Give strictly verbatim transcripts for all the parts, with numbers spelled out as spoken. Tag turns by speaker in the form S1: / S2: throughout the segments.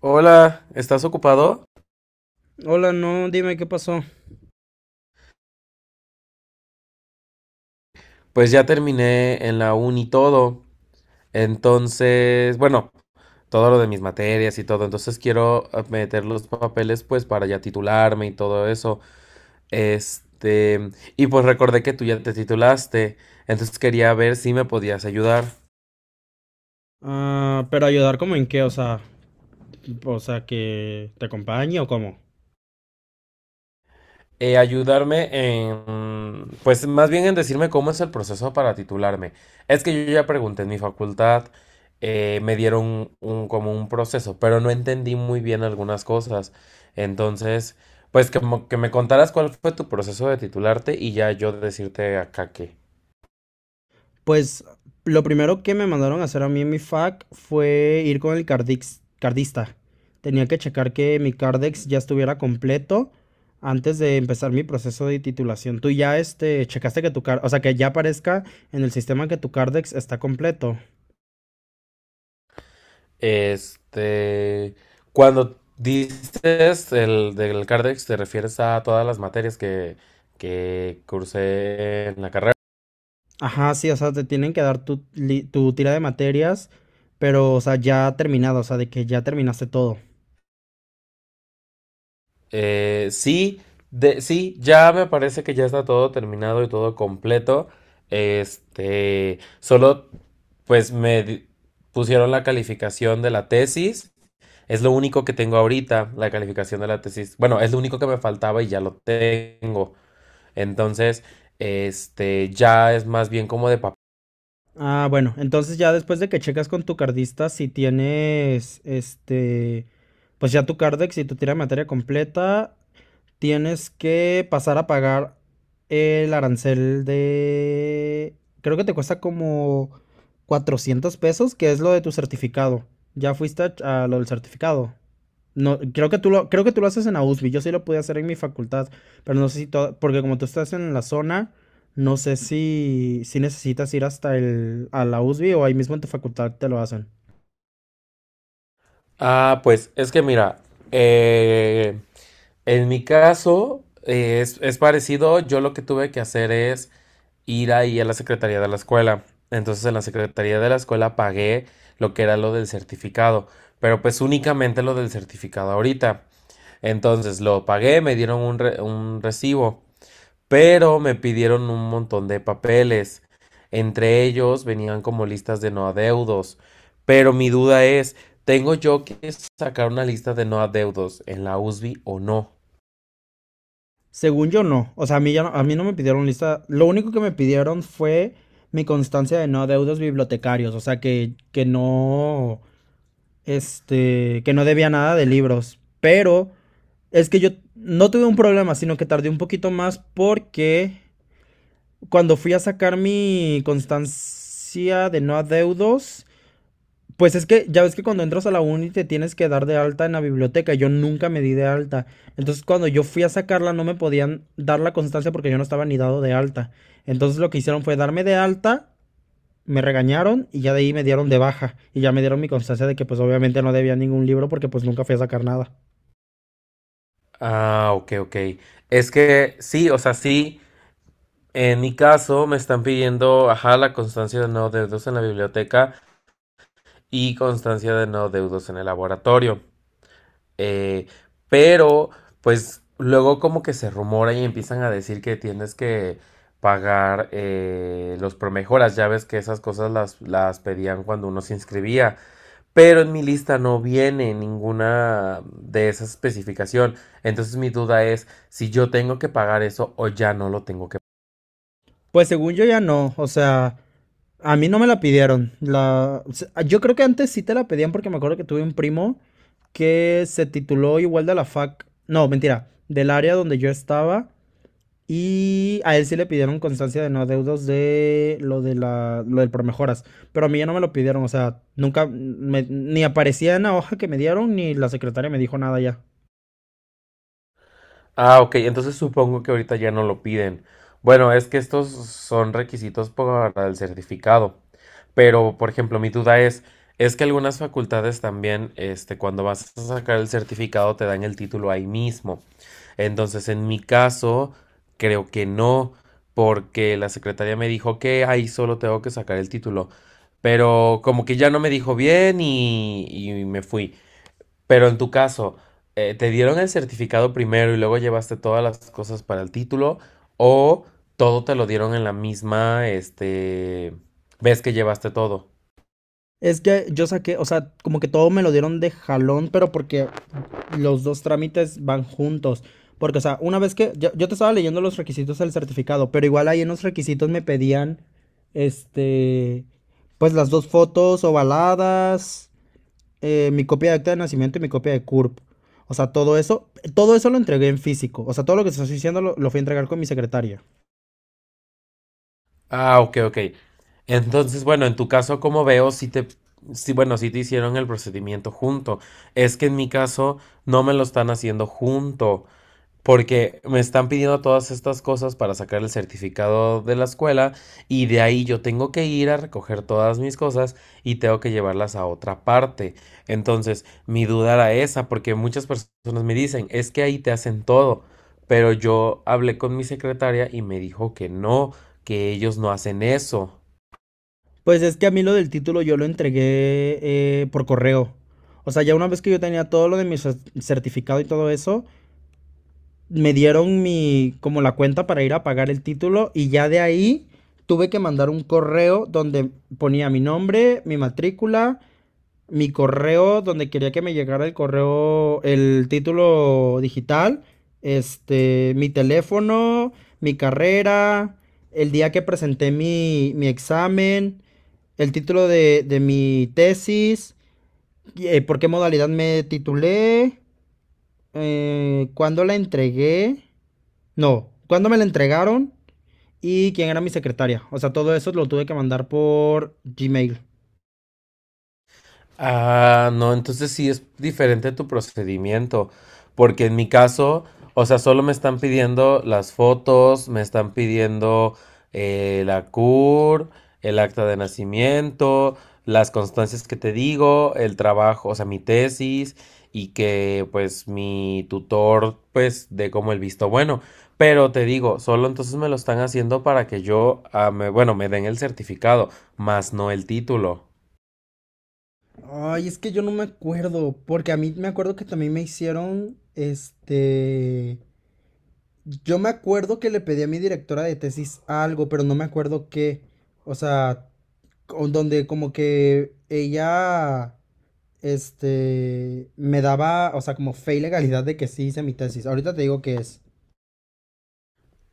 S1: Hola, ¿estás ocupado?
S2: Hola, no, dime qué pasó.
S1: Pues ya terminé en la uni todo. Entonces, bueno, todo lo de mis materias y todo. Entonces quiero eh, meter los papeles pues para ya titularme y todo eso. Este, y pues recordé que tú ya te titulaste. Entonces quería ver si me podías ayudar.
S2: Ah, pero ayudar como en qué, o sea, o sea, que te acompañe o cómo.
S1: Eh, ayudarme en, pues más bien en decirme cómo es el proceso para titularme. Es que yo ya pregunté en mi facultad, eh, me dieron un, como un proceso, pero no entendí muy bien algunas cosas. Entonces, pues que, mo- que me contaras cuál fue tu proceso de titularte y ya yo decirte acá que,
S2: Pues lo primero que me mandaron a hacer a mí en mi fac fue ir con el cardix- cardista. Tenía que checar que mi cardex ya estuviera completo antes de empezar mi proceso de titulación. Tú ya este checaste que tu car, o sea, que ya aparezca en el sistema que tu cardex está completo.
S1: este, cuando dices el del CARDEX, te refieres a todas las materias que, que cursé en la carrera.
S2: Ajá, sí, o sea, te tienen que dar tu, li- tu tira de materias, pero, o sea, ya terminado, o sea, de que ya terminaste todo.
S1: Eh, sí, de, sí, ya me parece que ya está todo terminado y todo completo. Este, solo pues me di- pusieron la calificación de la tesis. Es lo único que tengo ahorita, la calificación de la tesis. Bueno, es lo único que me faltaba y ya lo tengo. Entonces, este, ya es más bien como de papel.
S2: Ah, bueno, entonces ya después de que checas con tu cardista, si tienes, este, pues ya tu cardex y tu tira de materia completa, tienes que pasar a pagar el arancel de... Creo que te cuesta como cuatrocientos pesos, que es lo de tu certificado. ¿Ya fuiste a, ch- a lo del certificado? No, creo que tú lo, creo que tú lo haces en AUSBI. Yo sí lo pude hacer en mi facultad, pero no sé si to- porque como tú estás en la zona, no sé si, si necesitas ir hasta el, a la USBI o ahí mismo en tu facultad te lo hacen.
S1: Ah, pues es que mira, eh, en mi caso eh, es, es parecido, yo lo que tuve que hacer es ir ahí a la secretaría de la escuela. Entonces en la secretaría de la escuela pagué lo que era lo del certificado, pero pues únicamente lo del certificado ahorita. Entonces lo pagué, me dieron un, re- un recibo, pero me pidieron un montón de papeles. Entre ellos venían como listas de no adeudos. Pero mi duda es, ¿tengo yo que sacar una lista de no adeudos en la U S B o no?
S2: Según yo no, o sea, a mí, ya no, a mí no me pidieron lista, lo único que me pidieron fue mi constancia de no adeudos bibliotecarios, o sea, que, que no, este, que no debía nada de libros, pero es que yo no tuve un problema, sino que tardé un poquito más porque cuando fui a sacar mi constancia de no adeudos, pues es que ya ves que cuando entras a la uni te tienes que dar de alta en la biblioteca. Yo nunca me di de alta. Entonces cuando yo fui a sacarla no me podían dar la constancia porque yo no estaba ni dado de alta. Entonces lo que hicieron fue darme de alta, me regañaron y ya de ahí me dieron de baja. Y ya me dieron mi constancia de que pues obviamente no debía ningún libro porque pues nunca fui a sacar nada.
S1: Ah, ok, ok. Es que sí, o sea, sí, en mi caso me están pidiendo, ajá, la constancia de no adeudos en la biblioteca y constancia de no adeudos en el laboratorio. Eh, pero, pues luego como que se rumora y empiezan a decir que tienes que pagar eh, los promejoras. Ya ves que esas cosas las, las pedían cuando uno se inscribía. Pero en mi lista no viene ninguna de esa especificación. Entonces mi duda es si yo tengo que pagar eso o ya no lo tengo.
S2: Pues según yo ya no, o sea, a mí no me la pidieron. La, o sea, yo creo que antes sí te la pedían porque me acuerdo que tuve un primo que se tituló igual de la fac, no, mentira, del área donde yo estaba y a él sí le pidieron constancia de no adeudos de lo de la lo del promejoras, pero a mí ya no me lo pidieron, o sea, nunca me- ni aparecía en la hoja que me dieron ni la secretaria me dijo nada ya.
S1: Ah, ok, entonces supongo que ahorita ya no lo piden. Bueno, es que estos son requisitos para el certificado. Pero, por ejemplo, mi duda es, es que algunas facultades también, este, cuando vas a sacar el certificado te dan el título ahí mismo. Entonces, en mi caso, creo que no, porque la secretaria me dijo que ahí solo tengo que sacar el título. Pero como que ya no me dijo bien y, y me fui. Pero en tu caso, eh, ¿te dieron el certificado primero y luego llevaste todas las cosas para el título? ¿O todo te lo dieron en la misma, este, vez que llevaste todo?
S2: Es que yo saqué, o sea, como que todo me lo dieron de jalón, pero porque los dos trámites van juntos. Porque, o sea, una vez que yo, yo te estaba leyendo los requisitos del certificado, pero igual ahí en los requisitos me pedían, este, pues las dos fotos ovaladas, eh, mi copia de acta de nacimiento y mi copia de CURP. O sea, todo eso, todo eso lo entregué en físico. O sea, todo lo que te estoy diciendo lo, lo fui a entregar con mi secretaria.
S1: Ah, ok, ok. Entonces, bueno, en tu caso, como veo, si te, sí, bueno, si te hicieron el procedimiento junto. Es que en mi caso no me lo están haciendo junto. Porque me están pidiendo todas estas cosas para sacar el certificado de la escuela y de ahí yo tengo que ir a recoger todas mis cosas y tengo que llevarlas a otra parte. Entonces, mi duda era esa, porque muchas personas me dicen, es que ahí te hacen todo, pero yo hablé con mi secretaria y me dijo que no, que ellos no hacen eso.
S2: Pues es que a mí lo del título yo lo entregué eh, por correo. O sea, ya una vez que yo tenía todo lo de mi cer- certificado y todo eso, me dieron mi, como la cuenta para ir a pagar el título y ya de ahí tuve que mandar un correo donde ponía mi nombre, mi matrícula, mi correo donde quería que me llegara el correo, el título digital, este, mi teléfono, mi carrera, el día que presenté mi, mi examen, el título de, de mi tesis, eh, por qué modalidad me titulé, eh, cuándo la entregué, no, cuándo me la entregaron y quién era mi secretaria. O sea, todo eso lo tuve que mandar por Gmail.
S1: Ah, no, entonces sí es diferente tu procedimiento, porque en mi caso, o sea, solo me están pidiendo las fotos, me están pidiendo eh, la C U R, el acta de nacimiento, las constancias que te digo, el trabajo, o sea, mi tesis y que pues mi tutor pues dé como el visto bueno, pero te digo, solo entonces me lo están haciendo para que yo, ah, me- bueno, me den el certificado, más no el título.
S2: Ay, es que yo no me acuerdo, porque a mí me acuerdo que también me hicieron, este, yo me acuerdo que le pedí a mi directora de tesis algo, pero no me acuerdo qué, o sea, donde como que ella este, me daba, o sea, como fe y legalidad de que sí hice mi tesis. Ahorita te digo que es.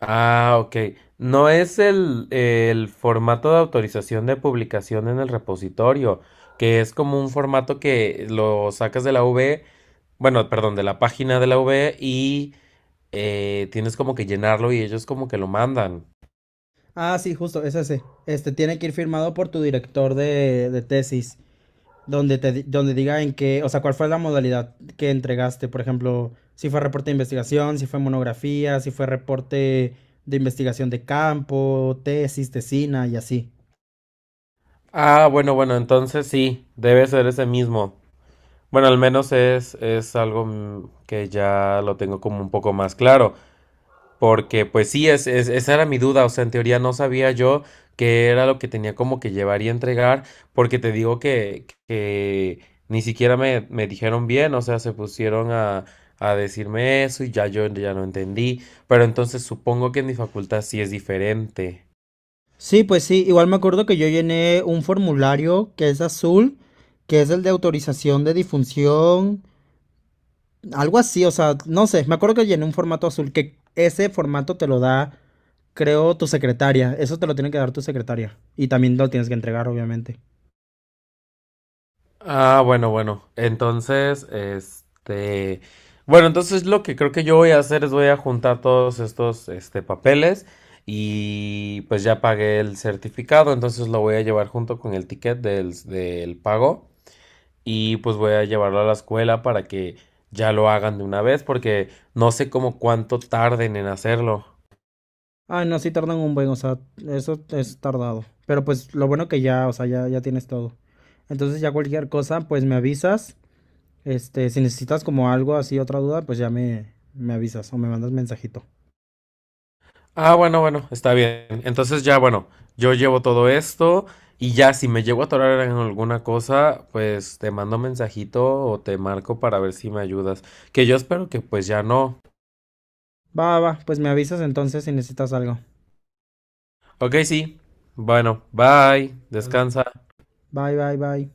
S1: Ah, ok. No es el, el formato de autorización de publicación en el repositorio, que es como un formato que lo sacas de la V, bueno, perdón, de la página de la V y eh, tienes como que llenarlo y ellos como que lo mandan.
S2: Ah, sí, justo, es ese. Este, tiene que ir firmado por tu director de, de tesis, donde te, di- donde diga en qué, o sea, cuál fue la modalidad que entregaste. Por ejemplo, si fue reporte de investigación, si fue monografía, si fue reporte de investigación de campo, tesis, tesina y así.
S1: Ah, bueno, bueno, entonces sí, debe ser ese mismo. Bueno, al menos es, es algo mm, que ya lo tengo como un poco más claro. Porque pues sí, es, es- esa era mi duda, o sea, en teoría no sabía yo qué era lo que tenía como que llevar y entregar, porque te digo que, que ni siquiera me, me dijeron bien, o sea, se pusieron a, a decirme eso y ya yo ya no entendí, pero entonces supongo que en mi facultad sí es diferente.
S2: Sí, pues sí, igual me acuerdo que yo llené un formulario que es azul, que es el de autorización de difusión. Algo así, o sea, no sé, me acuerdo que llené un formato azul, que ese formato te lo da, creo, tu secretaria. Eso te lo tiene que dar tu secretaria. Y también lo tienes que entregar, obviamente.
S1: Ah, bueno, bueno. Entonces, este, bueno, entonces lo que creo que yo voy a hacer es voy a juntar todos estos, este, papeles y pues ya pagué el certificado, entonces lo voy a llevar junto con el ticket del, del pago y pues voy a llevarlo a la escuela para que ya lo hagan de una vez porque no sé cómo cuánto tarden en hacerlo.
S2: Ay, no, sí tardan un buen, o sea, eso es tardado. Pero pues lo bueno que ya, o sea, ya, ya tienes todo. Entonces ya cualquier cosa, pues me avisas. Este, si necesitas como algo así, otra duda, pues ya me, me avisas o me mandas mensajito.
S1: Ah, bueno, bueno, está bien. Entonces ya, bueno, yo llevo todo esto y ya si me llego a atorar en alguna cosa, pues te mando mensajito o te marco para ver si me ayudas. Que yo espero que pues ya no.
S2: Va, va, va, pues me avisas entonces si necesitas algo.
S1: Ok, sí. Bueno, bye. Descansa.
S2: Bye, bye, bye.